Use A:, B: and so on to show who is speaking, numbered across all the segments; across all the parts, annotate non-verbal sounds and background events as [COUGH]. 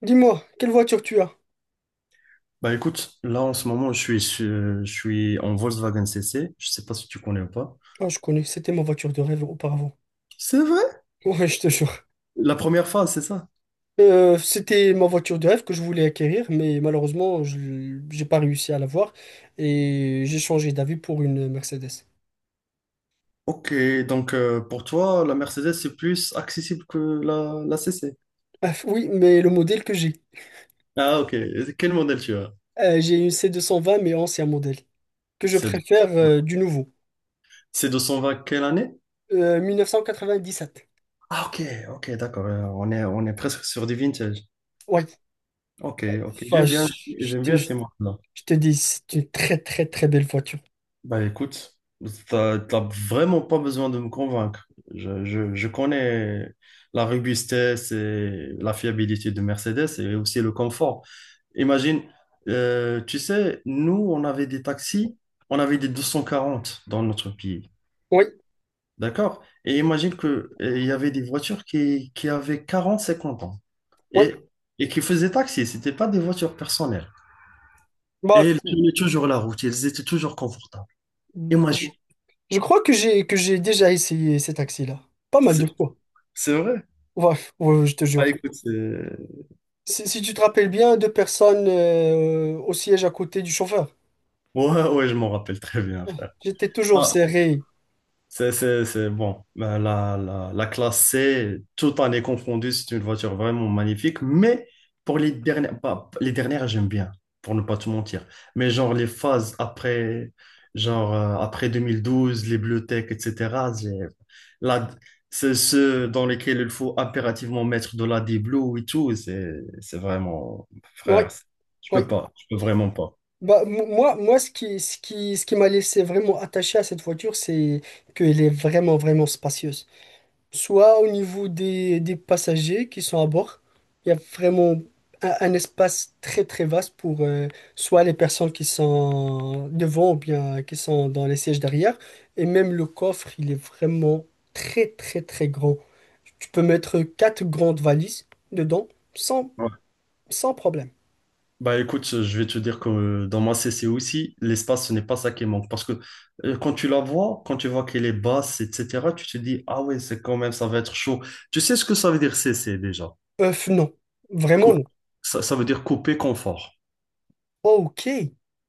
A: Dis-moi, quelle voiture tu as?
B: Bah écoute, là en ce moment je suis en Volkswagen CC, je sais pas si tu connais ou pas.
A: Ah, je connais, c'était ma voiture de rêve auparavant.
B: C'est vrai?
A: [LAUGHS] Ouais, je te jure.
B: La première phase, c'est ça?
A: C'était ma voiture de rêve que je voulais acquérir, mais malheureusement, je j'ai pas réussi à l'avoir et j'ai changé d'avis pour une Mercedes.
B: Ok, donc pour toi la Mercedes c'est plus accessible que la CC.
A: Ah, oui, mais le modèle que j'ai.
B: Ah ok. Et quel modèle tu as?
A: J'ai une C 220, mais ancien modèle, que je
B: C'est de...
A: préfère du nouveau.
B: c'est 220 quelle année?
A: 1997.
B: Ah ok, ok d'accord. On est on est presque sur du vintage.
A: Ouais,
B: Ok, ok,
A: enfin,
B: j'aime
A: je
B: bien,
A: je
B: j'aime
A: te
B: bien ces modèles.
A: je te dis, c'est une très très très belle voiture.
B: Bah écoute, t'as vraiment pas besoin de me convaincre. Je connais la robustesse et la fiabilité de Mercedes et aussi le confort. Imagine, tu sais, nous, on avait des taxis, on avait des 240 dans notre pays.
A: Oui,
B: D'accord? Et imagine que il y avait des voitures qui avaient 40 50 ans
A: oui.
B: et, et qui faisaient taxi. C'était pas des voitures personnelles.
A: Bah,
B: Et elles tenaient toujours la route, elles étaient toujours confortables.
A: je,
B: Imagine.
A: Je crois que j'ai déjà essayé cet taxi là pas mal de
B: C'est
A: fois.
B: c'est vrai.
A: Ouais, ouais, je te
B: Ah,
A: jure.
B: écoute, c'est...
A: Si, si tu te rappelles bien, deux personnes au siège à côté du chauffeur.
B: Ouais, ouais, je m'en rappelle très bien,
A: Oh,
B: frère.
A: j'étais toujours
B: Ah,
A: serré.
B: c'est bon. Ben, la classe C, tout en est confondu, c'est une voiture vraiment magnifique. Mais pour les dernières, pas, les dernières, j'aime bien, pour ne pas te mentir. Mais genre les phases après, genre après 2012, les bibliothèques, etc. La, c'est ceux dans lesquels il faut impérativement mettre de la D-Blue et tout. C'est vraiment,
A: Ouais,
B: frère, c'est- je peux
A: ouais.
B: pas, je peux vraiment pas.
A: Bah, moi, ce qui m'a laissé vraiment attaché à cette voiture, c'est qu'elle est vraiment, vraiment spacieuse, soit au niveau des passagers qui sont à bord. Il y a vraiment un espace très très vaste pour soit les personnes qui sont devant ou bien qui sont dans les sièges derrière. Et même le coffre, il est vraiment très très très grand. Tu peux mettre quatre grandes valises dedans sans, sans problème.
B: Bah écoute, je vais te dire que dans ma CC aussi, l'espace, ce n'est pas ça qui manque. Parce que quand tu la vois, quand tu vois qu'elle est basse, etc., tu te dis, ah ouais, c'est quand même, ça va être chaud. Tu sais ce que ça veut dire CC déjà?
A: Œuf, non. Vraiment
B: Cou-
A: non.
B: ça, ça veut dire couper confort.
A: Ok.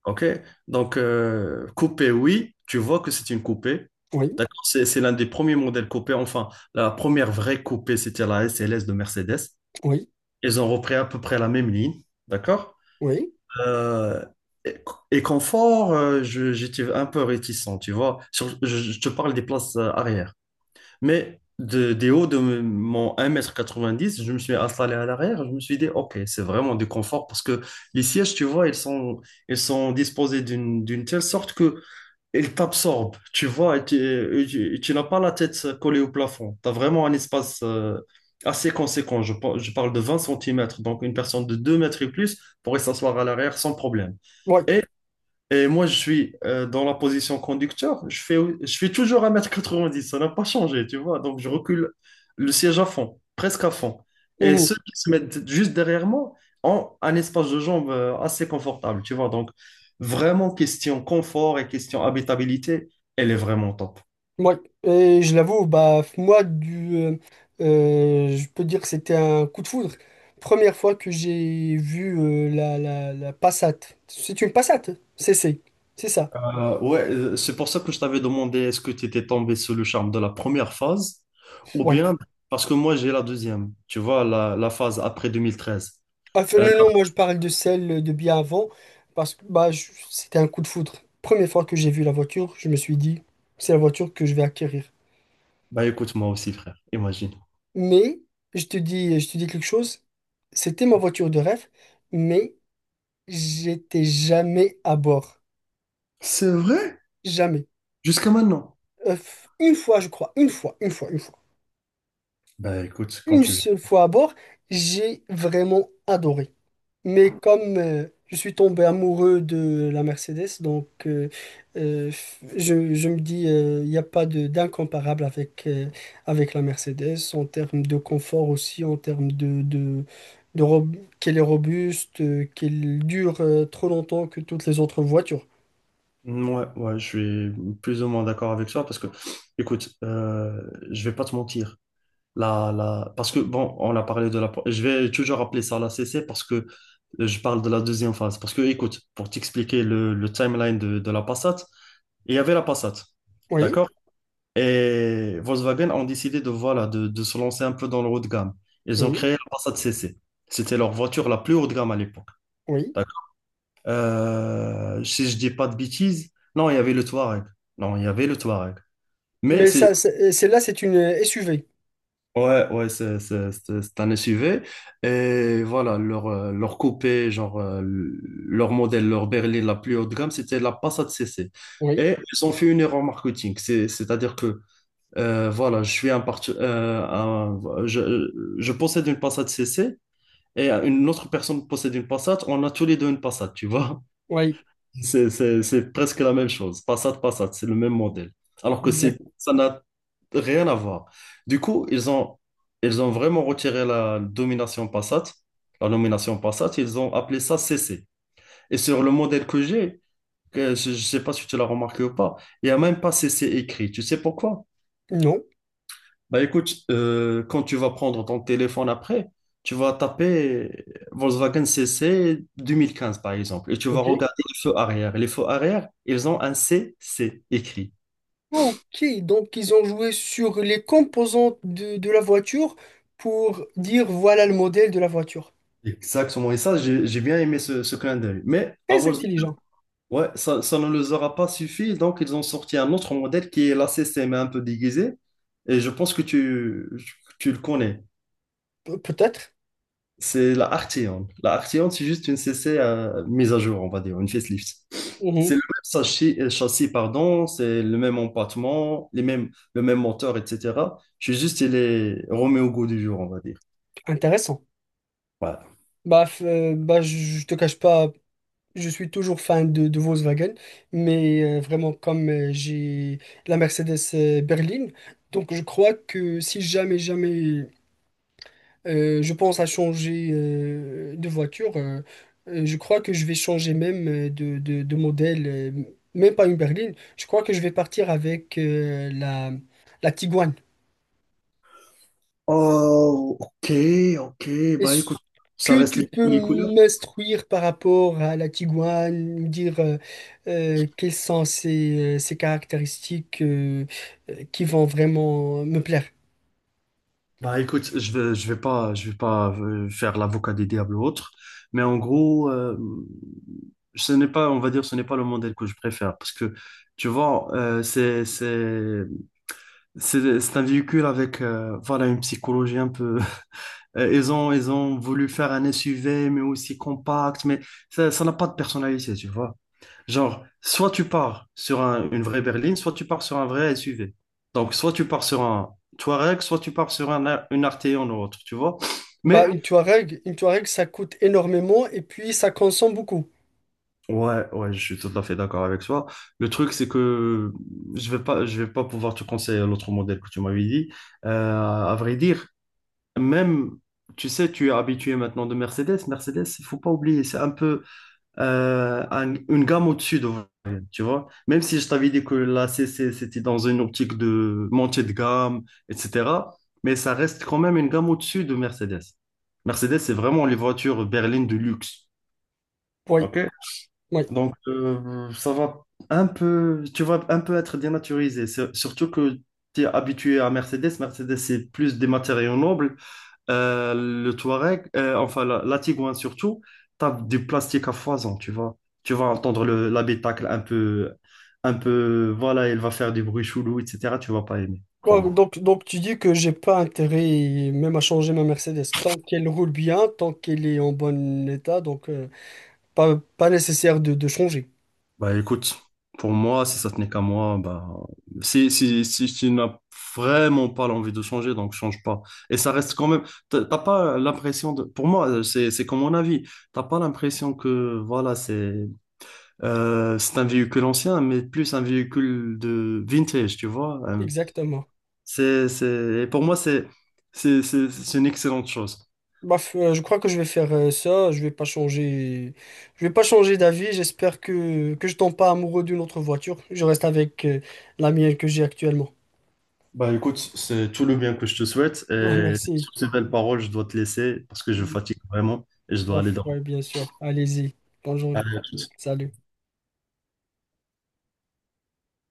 B: OK? Donc, coupé, oui, tu vois que c'est une coupée.
A: Oui,
B: C'est l'un des premiers modèles coupés. Enfin, la première vraie coupée, c'était la SLS de Mercedes.
A: oui,
B: Ils ont repris à peu près la même ligne. D'accord?
A: oui.
B: Euh, et, et confort, j'étais un peu réticent, tu vois. Je te parle des places arrière. Mais des hauts de mon 1,90 m, je me suis installé à l'arrière. Je me suis dit, OK, c'est vraiment du confort parce que les sièges, tu vois, ils sont disposés d'une telle sorte que ils t'absorbent, tu vois. Et tu n'as pas la tête collée au plafond. Tu as vraiment un espace assez conséquent. Je parle de 20 centimètres. Donc, une personne de 2 mètres et plus pourrait s'asseoir à l'arrière sans problème.
A: Oui.
B: Et, et moi, je suis dans la position conducteur. Je fais toujours 1,90 m. Ça n'a pas changé, tu vois. Donc, je recule le siège à fond, presque à fond. Et
A: Mhm.
B: ceux qui se mettent juste derrière moi ont un espace de jambes assez confortable, tu vois. Donc, vraiment, question confort et question habitabilité, elle est vraiment top.
A: Moi, je l'avoue, bah moi je peux dire que c'était un coup de foudre. Première fois que j'ai vu la Passat. C'est une Passat, c'est c'est c'est ça.
B: Ouais, c'est pour ça que je t'avais demandé est-ce que tu étais tombé sous le charme de la première phase ou
A: Oui.
B: bien parce que moi, j'ai la deuxième, tu vois, la phase après 2013.
A: Enfin, non, non, moi je parle de celle de bien avant parce que bah c'était un coup de foudre. Première fois que j'ai vu la voiture, je me suis dit c'est la voiture que je vais acquérir.
B: Bah écoute, moi aussi, frère, imagine.
A: Mais je te dis quelque chose. C'était ma voiture de rêve, mais j'étais jamais à bord,
B: C'est vrai?
A: jamais.
B: Jusqu'à maintenant?
A: Euh, une fois, je crois, une fois,
B: Bah écoute, quand
A: une
B: tu veux.
A: seule fois à bord, j'ai vraiment adoré. Mais comme je suis tombé amoureux de la Mercedes, euh, je me dis, il n'y a pas de d'incomparable avec, avec la Mercedes en termes de confort aussi, en termes de qu'elle est robuste, qu'elle dure trop longtemps que toutes les autres voitures.
B: Ouais, ouais, je suis plus ou moins d'accord avec toi parce que, écoute, je vais pas te mentir. Parce que, bon, on a parlé de la... Je vais toujours appeler ça la CC parce que je parle de la deuxième phase. Parce que, écoute, pour t'expliquer le timeline de la Passat il y avait la Passat
A: Oui,
B: d'accord? Et Volkswagen ont décidé de, voilà, de se lancer un peu dans le haut de gamme. Ils ont
A: oui,
B: créé la Passat CC. C'était leur voiture la plus haut de gamme à l'époque.
A: oui.
B: D'accord. Si je dis pas de bêtises, non, il y avait le Touareg. Non, il y avait le Touareg. Mais
A: Mais
B: c'est
A: ça, celle-là, c'est une SUV.
B: ouais, ouais, c'est un SUV. Et voilà, leur, leur coupé, genre leur modèle, leur berline la plus haut de gamme, c'était la Passat CC.
A: Oui,
B: Et ils ont fait une erreur marketing. C'est-à-dire que voilà, je suis un parti- un- je possède une Passat CC et une autre personne possède une Passat. On a tous les deux une Passat, tu vois.
A: oui.
B: C'est presque la même chose. Passat, Passat, c'est le même modèle. Alors que c'est,
A: Exact.
B: ça n'a rien à voir. Du coup, ils ont vraiment retiré la domination Passat, la nomination Passat. Ils ont appelé ça CC. Et sur le modèle que j'ai, que je ne sais pas si tu l'as remarqué ou pas, il n'y a même pas CC écrit. Tu sais pourquoi?
A: Non.
B: Bah écoute, quand tu vas prendre ton téléphone après, tu vas taper Volkswagen CC 2015 par exemple, et tu vas
A: Ok.
B: regarder les feux arrière. Les feux arrière, ils ont un CC écrit.
A: Ah, ok. Donc, ils ont joué sur les composantes de la voiture pour dire voilà le modèle de la voiture.
B: Exactement. Et ça, j'ai bien aimé ce clin d'œil. Mais à
A: Très
B: Volkswagen,
A: intelligent.
B: ouais, ça ne les aura pas suffi, donc ils ont sorti un autre modèle qui est la CC, mais un peu déguisé. Et je pense que tu le connais.
A: Peut-être.
B: C'est la Arteon. La Arteon, c'est juste une CC mise à jour, on va dire, une facelift. C'est
A: Mhm.
B: le même châssis, pardon, c'est le même empattement, les mêmes, le même moteur, etc. Je suis juste, il est remis au goût du jour, on va dire.
A: Intéressant.
B: Voilà.
A: Bah, bah, je te cache pas, je suis toujours fan de Volkswagen, mais vraiment, comme j'ai la Mercedes berline, donc je crois que si jamais, jamais je pense à changer de voiture. Je crois que je vais changer même de modèle, même pas une berline. Je crois que je vais partir avec la Tiguan.
B: Oh, ok, ok. Bah écoute,
A: Est-ce
B: ça
A: que
B: reste
A: tu peux
B: les couleurs.
A: m'instruire par rapport à la Tiguan, me dire quelles sont ses, ses caractéristiques qui vont vraiment me plaire?
B: Bah écoute, je vais pas faire l'avocat des diables ou autre, mais en gros, ce n'est pas, on va dire, ce n'est pas le modèle que je préfère parce que tu vois, c'est un véhicule avec, voilà, une psychologie un peu. [LAUGHS] Ils ont voulu faire un SUV mais aussi compact, mais ça n'a pas de personnalité, tu vois. Genre, soit tu pars sur une vraie berline, soit tu pars sur un vrai SUV. Donc, soit tu pars sur un Touareg, soit tu pars sur une Arteon ou autre, tu vois.
A: Bah,
B: Mais,
A: une Touareg, ça coûte énormément et puis ça consomme beaucoup.
B: ouais, ouais, je suis tout à fait d'accord avec toi. Le truc, c'est que je vais pas pouvoir te conseiller l'autre modèle que tu m'avais dit. Euh, à vrai dire, même, tu sais, tu es habitué maintenant de Mercedes. Mercedes, il faut pas oublier, c'est un peu, une gamme au-dessus de vous tu vois. Même si je t'avais dit que la CC, c'était dans une optique de montée de gamme, etc. Mais ça reste quand même une gamme au-dessus de Mercedes. Mercedes, c'est vraiment les voitures berlines de luxe.
A: Oui,
B: OK?
A: oui.
B: Donc, ça va un peu, tu vas un peu être dénaturisé. Surtout que tu es habitué à Mercedes. Mercedes, c'est plus des matériaux nobles. Le Touareg, enfin la Tigouane surtout, tape du plastique à foison, tu vois. Tu vas entendre le, l'habitacle un peu, voilà, il va faire des bruits chelous, etc. Tu vas pas aimer,
A: Bon,
B: crois-moi.
A: donc tu dis que j'ai pas intérêt même à changer ma Mercedes. Tant qu'elle roule bien, tant qu'elle est en bon état, donc pas, pas nécessaire de changer.
B: Bah écoute, pour moi, si ça tenait qu'à moi, bah, si tu n'as vraiment pas l'envie de changer, donc change pas. Et ça reste quand même, t'as pas l'impression de, pour moi, c'est comme mon avis, t'as pas l'impression que, voilà, c'est un véhicule ancien, mais plus un véhicule de vintage, tu vois. Euh,
A: Exactement.
B: c'est, c'est, et pour moi, c'est une excellente chose.
A: Bah, je crois que je vais faire ça. Je vais pas changer. Je vais pas changer d'avis. J'espère que je tombe pas amoureux d'une autre voiture. Je reste avec la mienne que j'ai actuellement.
B: Bah écoute, c'est tout le bien que je te souhaite
A: [LAUGHS] Bon,
B: et
A: merci.
B: sur ces belles paroles, je dois te laisser parce que je
A: Bah,
B: fatigue vraiment et je dois aller dormir.
A: ouais, bien sûr. Allez-y. Bonjour.
B: Allez, à toutes.
A: Salut.